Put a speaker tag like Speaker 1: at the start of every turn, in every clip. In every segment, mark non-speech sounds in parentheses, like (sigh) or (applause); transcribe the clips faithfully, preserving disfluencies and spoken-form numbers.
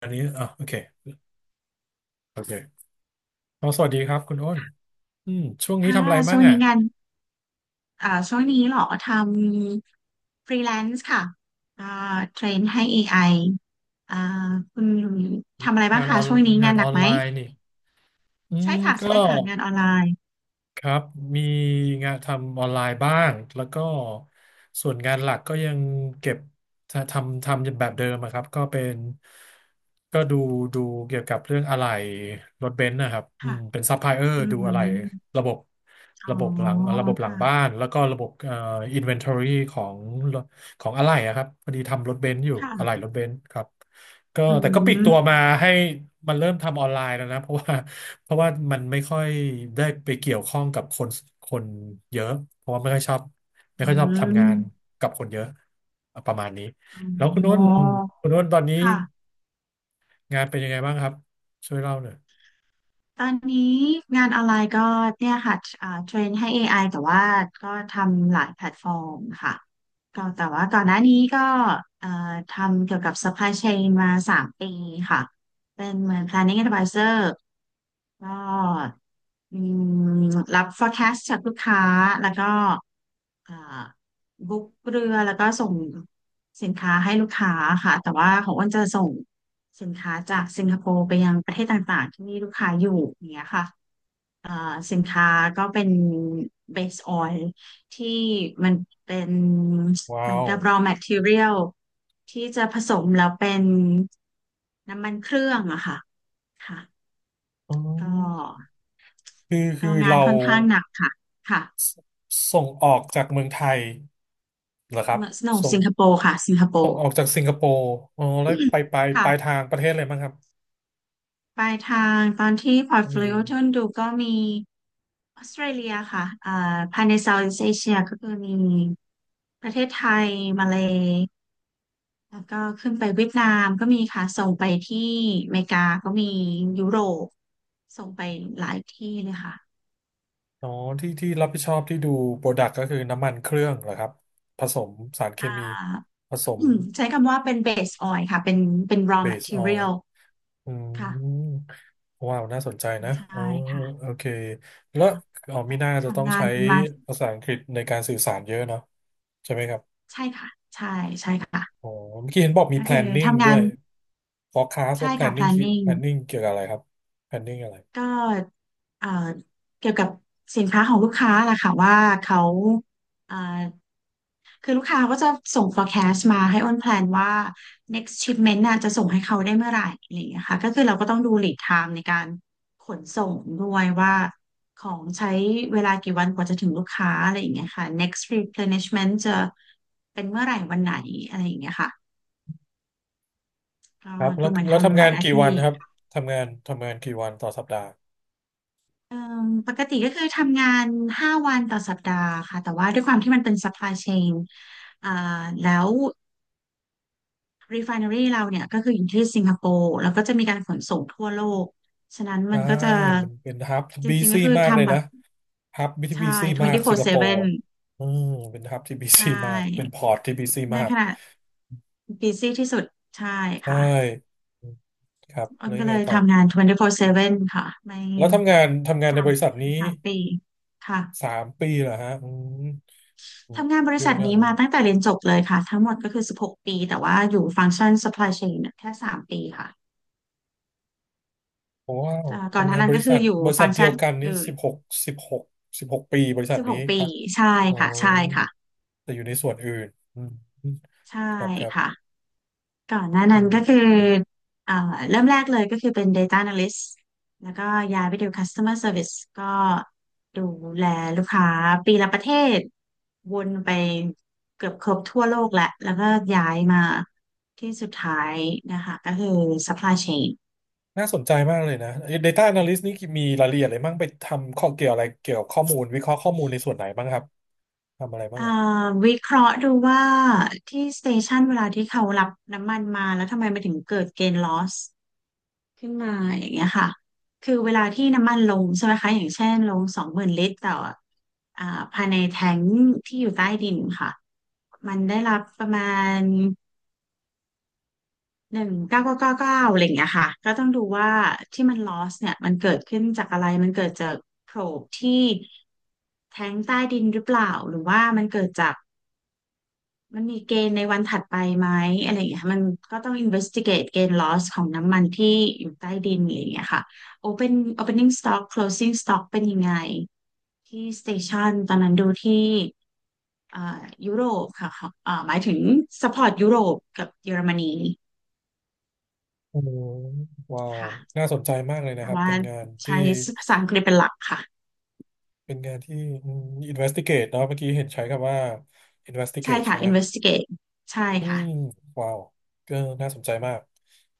Speaker 1: อันนี้อ๋อโอเคโอเคอ๋อสวัสดีครับคุณอ้นอืมช่วงนี้
Speaker 2: ค่ะ
Speaker 1: ทำอะไรมั่
Speaker 2: ช่ว
Speaker 1: ง
Speaker 2: ง
Speaker 1: อ่ะ
Speaker 2: นี้งานอ่าช่วงนี้เหรอ ทำฟรีแลนซ์ค่ะอ่าเทรนให้ เอ ไอ อไออ่าคุณทำอะไรบ้า
Speaker 1: งา
Speaker 2: ง
Speaker 1: นอ
Speaker 2: คะ
Speaker 1: อน
Speaker 2: ช่วงนี้
Speaker 1: งา
Speaker 2: งา
Speaker 1: น
Speaker 2: นห
Speaker 1: อ
Speaker 2: นั
Speaker 1: อ
Speaker 2: ก
Speaker 1: น
Speaker 2: ไหม
Speaker 1: ไลน์นี่อื
Speaker 2: ใช่
Speaker 1: ม
Speaker 2: ค่ะ
Speaker 1: ก็
Speaker 2: ใช่ค่ะ งานออนไลน์
Speaker 1: ครับมีงานทำออนไลน์บ้างแล้วก็ส่วนงานหลักก็ยังเก็บทำทำแบบเดิมอะครับก็เป็นก็ดูดูเกี่ยวกับเรื่องอะไหล่รถเบนซ์นะครับอื
Speaker 2: ค่ะ
Speaker 1: มเป็นซัพพลายเออร์
Speaker 2: อื
Speaker 1: ดูอะไหล่
Speaker 2: ม
Speaker 1: ระบบ
Speaker 2: อ๋อ
Speaker 1: ระบบหลังระบบหลังบ้า
Speaker 2: ค่ะ
Speaker 1: นแล้วก็ระบบเอ่ออินเวนทอรี่ของของอะไหล่อะครับพอดีทำรถเบนซ์อยู่อะไหล่
Speaker 2: ค่ะ
Speaker 1: รถเบนซ์ครับก็
Speaker 2: อื
Speaker 1: แต่ก็ปลี
Speaker 2: ม
Speaker 1: กตัวมาให้มันเริ่มทำออนไลน์แล้วนะเพราะว่า เพราะว่ามันไม่ค่อยได้ไปเกี่ยวข้องกับคนคนเยอะเพราะว่าไม่ค่อยชอบไม่
Speaker 2: อื
Speaker 1: ค่อยชอบทำ
Speaker 2: ม
Speaker 1: งานกับคนเยอะประมาณนี้แล้วคุณนุ่
Speaker 2: อ๋อ
Speaker 1: นคุณนุ้นตอนนี้
Speaker 2: ค่ะ
Speaker 1: งานเป็นยังไงบ้างครับช่วยเล่าหน่อย
Speaker 2: ตอนนี้งานออนไลน์ก็เนี่ยค่ะอ่าเทรนให้ เอ ไอ แต่ว่าก็ทำหลายแพลตฟอร์มค่ะก็แต่ว่าก่อนหน้านี้ก็เอ่อทำเกี่ยวกับ supply chain มาสามปีค่ะเป็นเหมือน planning advisor ก็อืมรับ forecast จากลูกค้าแล้วก็ อ่าบุ๊กเรือแล้วก็ส่งสินค้าให้ลูกค้าค่ะแต่ว่าของอ้นจะส่งสินค้าจากสิงคโปร์ไปยังประเทศต่างๆที่มีลูกค้าอยู่อย่างเงี้ยค่ะอ่าสินค้าก็เป็นเบสออยล์ที่มันเป็นเห
Speaker 1: ว้า
Speaker 2: มือน
Speaker 1: ว
Speaker 2: กับ raw material ที่จะผสมแล้วเป็นน้ำมันเครื่องอะค่ะค่ะ
Speaker 1: อ๋อ
Speaker 2: ก็
Speaker 1: คือคื
Speaker 2: ก็
Speaker 1: อ
Speaker 2: งาน
Speaker 1: เรา
Speaker 2: ค่อนข้างหนักค่ะค่ะ
Speaker 1: สส่งออกจากเมืองไทยเหรอครับ
Speaker 2: Snow
Speaker 1: ส่ง
Speaker 2: สิงคโปร์ค่ะสิงคโป
Speaker 1: ส่ง
Speaker 2: ร์
Speaker 1: ออกจากสิงคโปร์อ๋อแล้วไปไปปลาย
Speaker 2: ค่ะ
Speaker 1: ทางประเทศอะไรบ้างครับ
Speaker 2: ปลายทางตอนที่พอร์ต
Speaker 1: ก็
Speaker 2: โฟ
Speaker 1: มี
Speaker 2: ลิโอที่ดูก็มีออสเตรเลียค่ะอ่าภายใน Southeast Asia ก็คือมีประเทศไทยมาเลแล้วก็ขึ้นไปเวียดนามก็มีค่ะส่งไปที่อเมริกาก็มียุโรปส่งไปหลายที่เลยค่ะ
Speaker 1: อ๋อที่ที่รับผิดชอบที่ดูโปรดักต์ก็คือน้ำมันเครื่องเหรอครับผสมสารเค
Speaker 2: อ่
Speaker 1: มี
Speaker 2: า
Speaker 1: ผสม
Speaker 2: อืมใช้คำว่าเป็น base oil ค่ะเป็นเป็น raw
Speaker 1: เบสออยล์
Speaker 2: material
Speaker 1: อื
Speaker 2: ค่ะ
Speaker 1: มว้าวน่าสนใจนะ
Speaker 2: ใช่
Speaker 1: อ๋อ
Speaker 2: ค่ะ
Speaker 1: โอเคแล้ว
Speaker 2: ค่ะ
Speaker 1: อ๋อมีน่าจะต้อง
Speaker 2: ทำงาน
Speaker 1: ใช้
Speaker 2: มา
Speaker 1: ภาษาอังกฤษในการสื่อสารเยอะเนาะใช่ไหมครับ
Speaker 2: ใช่ค่ะใช่ใช่ค่ะ
Speaker 1: อ๋อเมื่อกี้เห็นบอกมี
Speaker 2: ก็คือ
Speaker 1: planning
Speaker 2: ทำงา
Speaker 1: ด้ว
Speaker 2: น
Speaker 1: ย forecast และ
Speaker 2: ใช่ค่ะ
Speaker 1: planning คือ
Speaker 2: planning
Speaker 1: planning เกี่ยวกับอะไรครับ planning อะไร
Speaker 2: ก็เอ่อเกี่ยวกับสินค้าของลูกค้าล่ะค่ะว่าเขาเอ่อคือลูกค้าก็จะส่ง forecast มาให้อ้นแพลนว่า next shipment น่ะจะส่งให้เขาได้เมื่อไหร่อะไรอย่างเงี้ยค่ะก็คือเราก็ต้องดู lead time ในการขนส่งด้วยว่าของใช้เวลากี่วันกว่าจะถึงลูกค้าอะไรอย่างเงี้ยค่ะ next replenishment จะเป็นเมื่อไหร่วันไหนอะไรอย่างเงี้ยค่ะก็
Speaker 1: ครับแล้
Speaker 2: ดู
Speaker 1: ว
Speaker 2: เหมัน
Speaker 1: แล้ว
Speaker 2: ทำ
Speaker 1: ทำ
Speaker 2: ห
Speaker 1: งา
Speaker 2: ลาย
Speaker 1: น
Speaker 2: หน้า
Speaker 1: กี่วั
Speaker 2: ที่
Speaker 1: นครับทำงานทำงานกี่วันต่อสัปดาห์
Speaker 2: เอ่มปกติก็คือทำงานห้าวันต่อสัปดาห์ค่ะแต่ว่าด้วยความที่มันเป็น supply chain อ่าแล้ว refinery เราเนี่ยก็คืออยู่ที่สิงคโปร์แล้วก็จะมีการขนส่งทั่วโลกฉะนั้น
Speaker 1: ใช่
Speaker 2: มันก็จะ
Speaker 1: มันเป็นฮับ
Speaker 2: จ
Speaker 1: บี
Speaker 2: ริงๆก็
Speaker 1: ซี่
Speaker 2: คือ
Speaker 1: มากเลย
Speaker 2: ทำแบ
Speaker 1: นะ
Speaker 2: บ
Speaker 1: ฮับที่บี
Speaker 2: ใช่
Speaker 1: ซี่มากสิงคโปร์
Speaker 2: ทเวนตี้โฟร์เซเว่น
Speaker 1: อืมเป็นฮับที่บี
Speaker 2: ใช
Speaker 1: ซี่มาก เป็น
Speaker 2: ่
Speaker 1: พอร์ตที่บีซี่
Speaker 2: ใน
Speaker 1: มาก
Speaker 2: ขณะ busy ที่สุดใช่
Speaker 1: ใช่
Speaker 2: ค่ะ
Speaker 1: อืมครับ
Speaker 2: อ้
Speaker 1: แล้
Speaker 2: น
Speaker 1: วยั
Speaker 2: ก็
Speaker 1: ง
Speaker 2: เล
Speaker 1: ไง
Speaker 2: ย
Speaker 1: ต่อ
Speaker 2: ทำงานทเวนตี้โฟร์เซเว่นค่ะไม่
Speaker 1: แล้วทำงานทำงานใน
Speaker 2: สา
Speaker 1: บ
Speaker 2: ม
Speaker 1: ริษัทนี้
Speaker 2: สามปีค่ะ
Speaker 1: สามปีเหรอฮะอืมอืม
Speaker 2: ทำงานบริ
Speaker 1: ยุ่
Speaker 2: ษั
Speaker 1: ง
Speaker 2: ท
Speaker 1: ยาก
Speaker 2: นี้
Speaker 1: มั้ง
Speaker 2: มาตั้งแต่เรียนจบเลยค่ะทั้งหมดก็คือสิบหกปีแต่ว่าอยู่ฟังก์ชัน supply chain เนี่ยแค่สามปีค่ะ
Speaker 1: โอ้ว้าว
Speaker 2: เอ่อก่อนห
Speaker 1: ทำ
Speaker 2: น้า
Speaker 1: งาน
Speaker 2: นั้
Speaker 1: บ
Speaker 2: นก็
Speaker 1: ริ
Speaker 2: คื
Speaker 1: ษั
Speaker 2: อ
Speaker 1: ท
Speaker 2: อยู่
Speaker 1: บริ
Speaker 2: ฟั
Speaker 1: ษัท
Speaker 2: งก์
Speaker 1: เดี
Speaker 2: ชั
Speaker 1: ย
Speaker 2: น
Speaker 1: วกันนี้
Speaker 2: อื่
Speaker 1: สิ
Speaker 2: น
Speaker 1: บหกสิบหกสิบหกปีบริษัทนี้
Speaker 2: สิบหกปี
Speaker 1: ปะ
Speaker 2: ใช่
Speaker 1: อ๋อ
Speaker 2: ค่ะใช่ค่ะ
Speaker 1: แต่อยู่ในส่วนอื่นอืม
Speaker 2: ใช่
Speaker 1: ครับครับ
Speaker 2: ค่ะ ก่อนหน้า
Speaker 1: อื
Speaker 2: นั้นก็คือ
Speaker 1: ม
Speaker 2: เอ่อเริ่มแรกเลยก็คือเป็น Data Analyst แล้วก็ย้ายไปดู Customer Service ก็ดูแลลูกค้าปีละประเทศวนไปเกือบครบทั่วโลกแหละ แล้วก็ย้ายมาที่สุดท้ายนะคะก็คือ Supply Chain
Speaker 1: น่าสนใจมากเลยนะ Data Analyst นี่มีรายละเอียดอะไรบ้างไปทำข้อเกี่ยวอะไรเกี่ยวกับข้อมูลวิเคราะห์ข้อมูลในส่วนไหนบ้างครับทำอะไรบ้า
Speaker 2: เอ่
Speaker 1: ง
Speaker 2: อ
Speaker 1: อ่ะ
Speaker 2: วิเคราะห์ดูว่าที่สเตชันเวลาที่เขารับน้ำมันมาแล้วทำไมมันถึงเกิด gain loss ขึ้นมาอย่างเงี้ยค่ะคือเวลาที่น้ำมันลงใช่ไหมคะอย่างเช่นลงสองหมื่นลิตรต่ออ่าภายในแทงค์ที่อยู่ใต้ดินค่ะมันได้รับประมาณหนึ่งเก้าเก้าเก้าเก้าอะไรอย่างเงี้ยค่ะก็ต้องดูว่าที่มัน loss เนี่ยมันเกิดขึ้นจากอะไรมันเกิดจากโพรบที่แทงค์ใต้ดินหรือเปล่า หรือว่ามันเกิดจาก มันมีเกณฑ์ในวันถัดไปไหมอะไรอย่างเงี้ยมันก็ต้อง investigate เกณฑ์ loss ของน้ำมันที่อยู่ใต้ดินอะไรอย่างเงี้ยค่ะ open opening stock closing stock เป็นยังไงที่ station ตอนนั้นดูที่เอ่อยุโรปค่ะค่ะเอ่อหมายถึง support ยุโรปกับเยอรมนี
Speaker 1: โอ้ว้าว
Speaker 2: ค่ะ
Speaker 1: น่าสนใจมากเลยนะ
Speaker 2: แต่
Speaker 1: ครับ
Speaker 2: ว่า
Speaker 1: เป็นงานที่
Speaker 2: ใช้ภาษาอังกฤษเป็นหลักค่ะ
Speaker 1: เป็นงานที่อืม investigate เนอะเมื่อกี้เห็นใช้คำว่า
Speaker 2: ใช่
Speaker 1: investigate
Speaker 2: ค่ะ
Speaker 1: ใช่ไหม
Speaker 2: investigate ใช่
Speaker 1: อื
Speaker 2: ค่ะ
Speaker 1: มว้าวก็น่าสนใจมาก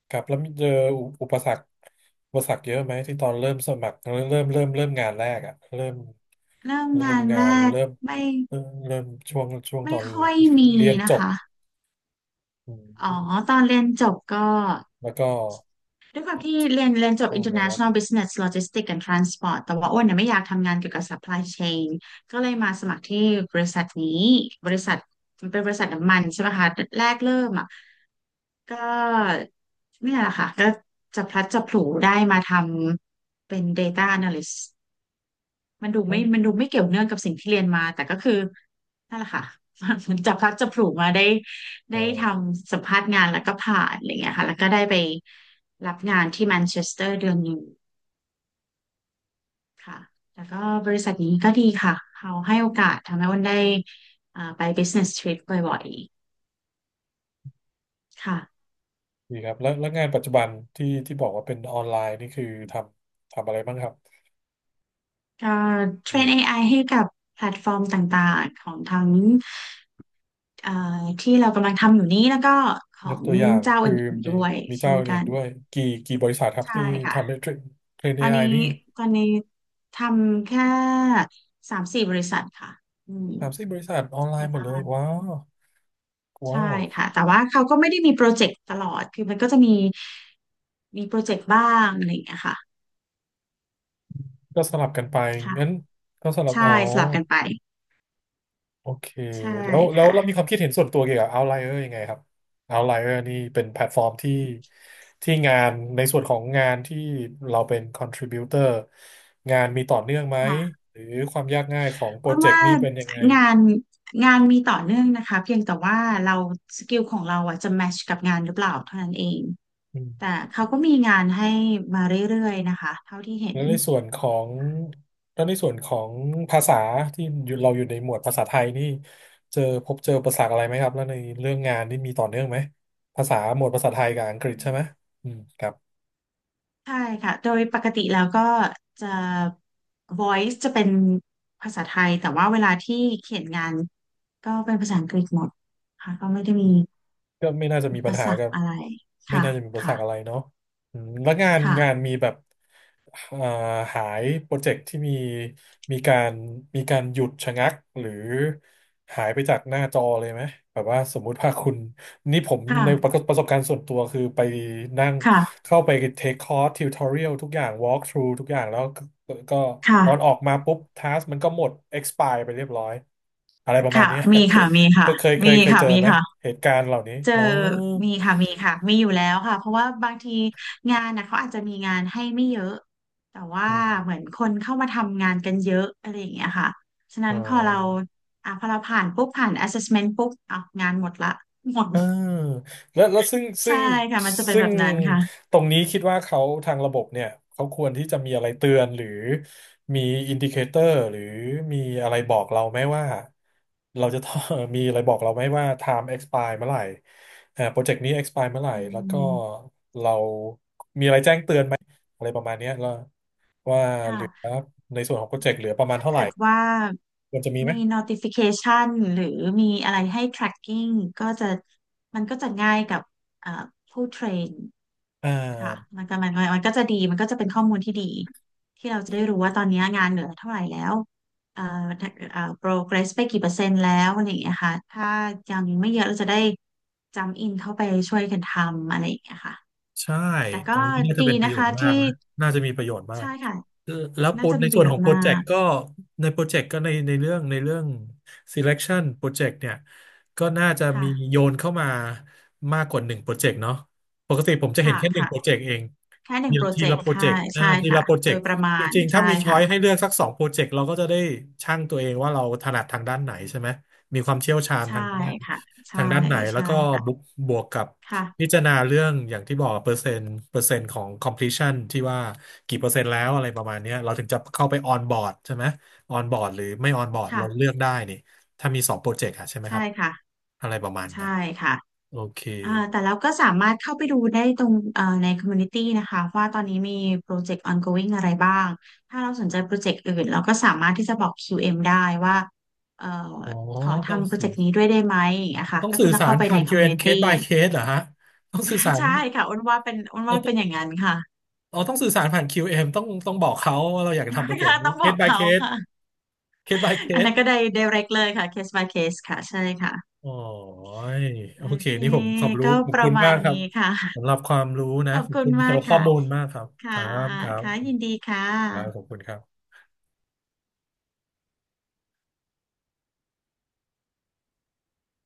Speaker 1: ครับแล้วมีเจออุอุปสรรคอุปสรรคเยอะไหมที่ตอนเริ่มสมัครเริ่มเริ่มเริ่มเริ่มงานแรกอะเริ่ม
Speaker 2: เริ่ม
Speaker 1: เริ่
Speaker 2: งา
Speaker 1: ม
Speaker 2: น
Speaker 1: งา
Speaker 2: แร
Speaker 1: น
Speaker 2: ก
Speaker 1: เริ่ม
Speaker 2: ไม่
Speaker 1: เริ่มเริ่มช่วงช่วงต
Speaker 2: ไม่
Speaker 1: อน
Speaker 2: ค่อยมี
Speaker 1: เรียนจ
Speaker 2: นะ
Speaker 1: บ
Speaker 2: คะ
Speaker 1: อืม
Speaker 2: อ๋อตอนเรียนจบก็
Speaker 1: แล้วก็
Speaker 2: ด้วยความที่เรียนเรียนจบ
Speaker 1: เข้ามาแล้ว
Speaker 2: International Business Logistics and Transport แต่ว่าอ้วนเนี่ยไม่อยากทำงานเกี่ยวกับ supply chain ก็เลยมาสมัครที่บริษัทนี้บริษัทมันเป็นบริษัทน้ำมันใช่ไหมคะแรกเริ่มอ่ะก็เนี่ยแหละค่ะก็จะพลัดจะผลูได้มาทำเป็น Data Analyst มันดูไม่
Speaker 1: เออ
Speaker 2: มันดูไม่เกี่ยวเนื่องกับสิ่งที่เรียนมาแต่ก็คือนั่นแหละค่ะ (laughs) เหมันจับพลัดจับผลูมาได้
Speaker 1: เอ
Speaker 2: ได้ท
Speaker 1: อ
Speaker 2: ำสัมภาษณ์งานแล้วก็ผ่านอะไรเงี้ยค่ะแล้วก็ได้ไปรับงานที่แมนเชสเตอร์เดือนหนึ่งค่ะ แล้วก็บริษัทนี้ก็ดีค่ะ เขาให้โอกาสทำให้อ้นได้อ่าไป business trip บ่อยๆ ค่ะ
Speaker 1: ดีครับแล้วแล้วงานปัจจุบันที่ที่บอกว่าเป็นออนไลน์นี่คือทำทำอะไรบ้างครับ
Speaker 2: ก็เท
Speaker 1: อ
Speaker 2: รน
Speaker 1: ยู่
Speaker 2: เอ ไอ ให้กับแพลตฟอร์มต่างๆ ของทั้งเอ่อที่เรากำลังทำอยู่นี้แล้วก็ขอ
Speaker 1: ยก
Speaker 2: ง
Speaker 1: ตัวอย่าง
Speaker 2: เจ้า
Speaker 1: คือ
Speaker 2: อื่นๆ
Speaker 1: มี
Speaker 2: ด้วย
Speaker 1: มี
Speaker 2: เช่
Speaker 1: เจ้า
Speaker 2: นกั
Speaker 1: อื่น
Speaker 2: น
Speaker 1: ด้วยกี่กี่บริษัทครับ
Speaker 2: ใช่
Speaker 1: ที่
Speaker 2: ค่ะ
Speaker 1: ทำให้เทรนเทรน
Speaker 2: ตอน
Speaker 1: เอ ไอ
Speaker 2: นี้
Speaker 1: นี่
Speaker 2: ตอนนี้ทำแค่สามสี่บริษัทค่ะอืม
Speaker 1: สามสิบบริษัทออนไล
Speaker 2: แต่
Speaker 1: น์หมดเลย
Speaker 2: ว่า
Speaker 1: ว้าว
Speaker 2: ใช่
Speaker 1: ว้าว
Speaker 2: ค่ะแต่ว่าเขาก็ไม่ได้มีโปรเจกต์ตลอดคือมันก็จะมีมีโปรเจกต์บ้างอะไรอย่างเงี้ยค่ะ
Speaker 1: ก็สลับกันไป
Speaker 2: ค่ะ
Speaker 1: งั้นก็สลับ
Speaker 2: ใช่
Speaker 1: อ๋อ
Speaker 2: สลับกันไป
Speaker 1: โอเค
Speaker 2: ใช่
Speaker 1: แล้วแล้ว
Speaker 2: ค่ะ
Speaker 1: เรามีความคิดเห็นส่วนตัวเกี่ยวกับ Outlier ยังไงครับ Outlier นี่เป็นแพลตฟอร์มที่ที่งานในส่วนของงานที่เราเป็น contributor งานมีต่อเนื่องไหม
Speaker 2: ค่ะ
Speaker 1: หรือความยากง่ายของโปร
Speaker 2: อ้น
Speaker 1: เจก
Speaker 2: ว่า
Speaker 1: ต์นี่เป็นยังไง
Speaker 2: งานงานมีต่อเนื่องนะคะเพียงแต่ว่าเราสกิลของเราอ่ะจะแมชกับงานหรือเปล่าเท่านั้นเองแต่เขาก็มีงานให้มาเรื่อยๆนะคะเท่าที่เห็
Speaker 1: แล้
Speaker 2: น
Speaker 1: วในส่วนของแล้วในส่วนของภาษาที่อยู่เราอยู่ในหมวดภาษาไทยนี่เจอพบเจออุปสรรคอะไรไหมครับแล้วในเรื่องงานนี่มีต่อเนื่องไหมภาษาหมวดภาษาไทยกับอังกฤษใช่ไหมอืมครับ
Speaker 2: ใช่ค่ะ โดยปกติแล้วก็จะ voice จะเป็นภาษาไทย แต่ว่าเวลาที่เขียนงานก็เป็นภาษาอังกฤษหมดค่ะ ก็ไม่ได้มี
Speaker 1: ก็ไม่น่าจะ
Speaker 2: อุ
Speaker 1: มี
Speaker 2: ป
Speaker 1: ปัญหา
Speaker 2: สรร
Speaker 1: กั
Speaker 2: ค
Speaker 1: บ
Speaker 2: อะไร
Speaker 1: ไม่
Speaker 2: ค่ะ
Speaker 1: น่าจะมีอุปสร
Speaker 2: ค่ะ
Speaker 1: รคอะไรเนาะอืมแล้วงาน
Speaker 2: ค่ะ
Speaker 1: งานมีแบบเอ่อหายโปรเจกต์ที่มีมีการมีการหยุดชะงักหรือหายไปจากหน้าจอเลยไหมแบบว่าสมมุติว่าคุณนี่ผมในประ
Speaker 2: ค่ะ
Speaker 1: ประสบการณ์ส่วนตัวคือไปนั่ง
Speaker 2: ค่ะ
Speaker 1: เข้าไปเทคคอร์สทิวทอเรียลทุกอย่างวอล์กทรูทุกอย่างแล้วก็ก็ตอนออก
Speaker 2: ค่ะ
Speaker 1: มาปุ๊บทัสมันก็หมด expire ไปเรียบร้อย อะไรประมาณ
Speaker 2: ค่ะ
Speaker 1: เนี้ย
Speaker 2: มีค่ะ มี
Speaker 1: (laughs) เค
Speaker 2: ค่ะ
Speaker 1: ยเคยเค
Speaker 2: มี
Speaker 1: ยเคย
Speaker 2: ค่ะ
Speaker 1: เจอ
Speaker 2: มี
Speaker 1: ไหม
Speaker 2: ค่ะ
Speaker 1: เหตุการณ์เหล่านี้
Speaker 2: เจอ
Speaker 1: อ๋อ
Speaker 2: มีค่ะมีค่ะมีอยู่แล้วค่ะเพราะว่าบางทีงานนะเขาอาจจะมีงานให้ไม่เยอะแต่ว่า
Speaker 1: อื
Speaker 2: เหมื
Speaker 1: ม
Speaker 2: อนคนเข้ามาทำงานกันเยอะอะไรอย่างเงี้ยค่ะฉะ
Speaker 1: อ๋
Speaker 2: นั้
Speaker 1: อ
Speaker 2: นพอเราอ่ะพอเราผ่านปุ๊บผ่าน assessment ปุ๊บอ่ะงานหมดละหมด
Speaker 1: เออแล้วแล้วซึ่งซึ่
Speaker 2: ใช่
Speaker 1: ง
Speaker 2: ค่ะมันจะเป็น
Speaker 1: ซึ่
Speaker 2: แบ
Speaker 1: ง
Speaker 2: บนั้นค่ะ
Speaker 1: ตรงนี้คิดว่าเขาทางระบบเนี่ยเขาควรที่จะมีอะไรเตือนหรือมีอินดิเคเตอร์หรือมีอะไรบอกเราไหมว่าเราจะต้อง (laughs) มีอะไรบอกเราไหมว่า time expire เมื่อไหร่อ่าโปรเจกต์นี้ expire เมื่อไหร่
Speaker 2: อื
Speaker 1: แล้วก็
Speaker 2: ม
Speaker 1: เรามีอะไรแจ้งเตือนไหมอะไรประมาณเนี้ยแล้ว ว่าเหลือ
Speaker 2: ค่ะ
Speaker 1: ในส่วนของโปรเจกต์เหลือประมาณ
Speaker 2: ถ้า
Speaker 1: เท่าไหร่
Speaker 2: เกิดว่า
Speaker 1: ควรจะมีไหม
Speaker 2: มี notification หรือมีอะไรให้ tracking ก็จะมันก็จะง่ายกับเอ่อผู้เทรน
Speaker 1: อ่า
Speaker 2: ค่ะมันก็มันก็มันก็จะดีมันก็จะเป็นข้อมูลที่ดีที่เราจะได้รู้ว่าตอนนี้งานเหลือเท่าไหร่แล้วเอ่อเอ่อ progress ไปกี่เปอร์เซ็นต์แล้วอะไรอย่างเงี้ยค่ะถ้ายังไม่เยอะเราจะได้จำอินเข้าไปช่วยกันทำอะไรอย่างเงี้ยค่ะ
Speaker 1: ใช่
Speaker 2: แต่
Speaker 1: ต
Speaker 2: ก็
Speaker 1: รงนี้น่าจะ
Speaker 2: ดี
Speaker 1: เป็นประ
Speaker 2: นะ
Speaker 1: โยช
Speaker 2: คะ
Speaker 1: น์มา
Speaker 2: ที่
Speaker 1: กนะน่าจะมีประโยชน์มาก
Speaker 2: ใช่ค่ะ
Speaker 1: แล้วโป
Speaker 2: น่า
Speaker 1: ร
Speaker 2: จะ
Speaker 1: ใน
Speaker 2: มีป
Speaker 1: ส่
Speaker 2: ระ
Speaker 1: ว
Speaker 2: โย
Speaker 1: นข
Speaker 2: ช
Speaker 1: อง
Speaker 2: น์
Speaker 1: โปร
Speaker 2: มา
Speaker 1: เจก
Speaker 2: ก
Speaker 1: ต์ก็ในโปรเจกต์ก็ในในเรื่องในเรื่อง selection โปรเจกต์เนี่ยก็น่าจะมี
Speaker 2: ค่ะ
Speaker 1: โยนเข้ามามากกว่าหนึ่งโปรเจกต์เนาะปกติผมจะเห็น
Speaker 2: ค่ะ
Speaker 1: แค่หนึ่ง
Speaker 2: ค่ะ
Speaker 1: โปรเจกต์เอง
Speaker 2: แค่หนึ่
Speaker 1: ที
Speaker 2: งโป
Speaker 1: ละ
Speaker 2: ร
Speaker 1: ที
Speaker 2: เจก
Speaker 1: ละ
Speaker 2: ต์
Speaker 1: โปรเจ
Speaker 2: ค่ะ
Speaker 1: กต์อ่า
Speaker 2: ใช่
Speaker 1: ทีละ
Speaker 2: ค่ะ
Speaker 1: โปรเจ
Speaker 2: โด
Speaker 1: ก
Speaker 2: ย
Speaker 1: ต์
Speaker 2: ประ
Speaker 1: จ
Speaker 2: มาณ
Speaker 1: ริงๆถ้า
Speaker 2: ใช่
Speaker 1: มีช้อ
Speaker 2: ค่ะ
Speaker 1: ยให้เลือกสักสองโปรเจกต์เราก็จะได้ชั่งตัวเองว่าเราถนัดทางด้านไหนใช่ไหมมีความเชี่ยวชาญ
Speaker 2: ใช่
Speaker 1: ทางด้าน
Speaker 2: ค่ะใช่
Speaker 1: ทางด้านไหนแล้ว
Speaker 2: ใช่
Speaker 1: ก็บวก
Speaker 2: ค่ะ
Speaker 1: บวกกับ พิ
Speaker 2: ค่ะ
Speaker 1: จารณาเรื่องอย่างที่บอกเปอร์เซ็นต์เปอร์เซ็นต์ของ completion ที่ว่ากี่เปอร์เซ็นต์แล้วอะไรประมาณเนี้ยเราถึงจะเข้าไป on board ใช่ไหม on board หรือไม่ on board เราเลื
Speaker 2: ค่ะ
Speaker 1: อกได้นี่ถ้ามีสองโปรเจกต์อะใช่ไหมค
Speaker 2: ใช่
Speaker 1: รับ
Speaker 2: ค่ะ
Speaker 1: อะไรประมาณ
Speaker 2: ใช่
Speaker 1: นั้น
Speaker 2: ค่ะ
Speaker 1: โอเค
Speaker 2: อ่าแต่เราก็สามารถเข้าไปดูได้ตรงเอ่อในคอมมูนิตี้นะคะว่าตอนนี้มีโปรเจกต์ ongoing อะไรบ้างถ้าเราสนใจโปรเจกต์อื่นเราก็สามารถที่จะบอก คิว เอ็ม ได้ว่าเอ่อ
Speaker 1: อ๋อ
Speaker 2: ขอ
Speaker 1: ต้อง
Speaker 2: ทำโปรเจ
Speaker 1: สื่อ
Speaker 2: กต์นี้ด้วยได้ไหมนะค่ะ
Speaker 1: ต้อง
Speaker 2: ก็คื
Speaker 1: สื่
Speaker 2: อ
Speaker 1: อ
Speaker 2: ต้อง
Speaker 1: สา
Speaker 2: เข้า
Speaker 1: ร
Speaker 2: ไป
Speaker 1: ผ่า
Speaker 2: ใน
Speaker 1: น
Speaker 2: ค
Speaker 1: q
Speaker 2: อมมู
Speaker 1: m
Speaker 2: นิตี้
Speaker 1: case by case เหรอฮะต้องสื่อสา
Speaker 2: (laughs)
Speaker 1: ร
Speaker 2: ใช่ค่ะอ้นว่าเป็นอ้น
Speaker 1: เรา
Speaker 2: ว่า
Speaker 1: ต้อ
Speaker 2: เป็นอย่าง
Speaker 1: ง
Speaker 2: นั้นค่ะ
Speaker 1: เราต้องสื่อสารผ่าน คิว เอ็ม ต้องต้องบอกเขาว่าเราอยากจะทำโปร
Speaker 2: (laughs)
Speaker 1: เจกต์
Speaker 2: ค่ะ
Speaker 1: นี้
Speaker 2: ต้องบอ
Speaker 1: case
Speaker 2: ก
Speaker 1: by
Speaker 2: เขา
Speaker 1: case
Speaker 2: ค่ะ
Speaker 1: case by
Speaker 2: อันนั้
Speaker 1: case
Speaker 2: นก็ได้ direct เลยค่ะ case by case ค่ะใช่ค่ะ
Speaker 1: โอ๋อโอ
Speaker 2: โอ
Speaker 1: เค
Speaker 2: เค
Speaker 1: นี่ผมขอบรู้
Speaker 2: ก็
Speaker 1: ขอ
Speaker 2: ป
Speaker 1: บคุ
Speaker 2: ระ
Speaker 1: ณ
Speaker 2: มา
Speaker 1: มา
Speaker 2: ณ
Speaker 1: กครับ
Speaker 2: นี้ค่ะ
Speaker 1: สำหรับความรู้
Speaker 2: (laughs) ข
Speaker 1: นะ
Speaker 2: อบ
Speaker 1: ขอบ
Speaker 2: คุ
Speaker 1: คุ
Speaker 2: ณ
Speaker 1: ณ
Speaker 2: มา
Speaker 1: สำห
Speaker 2: ก
Speaker 1: รับข้อ
Speaker 2: ค่ะ
Speaker 1: มูลมากครับ ค
Speaker 2: ค่ะ
Speaker 1: รับ ครั
Speaker 2: ค่ะยิ
Speaker 1: บ
Speaker 2: นดีค่ะ
Speaker 1: ครับขอบคุณครับ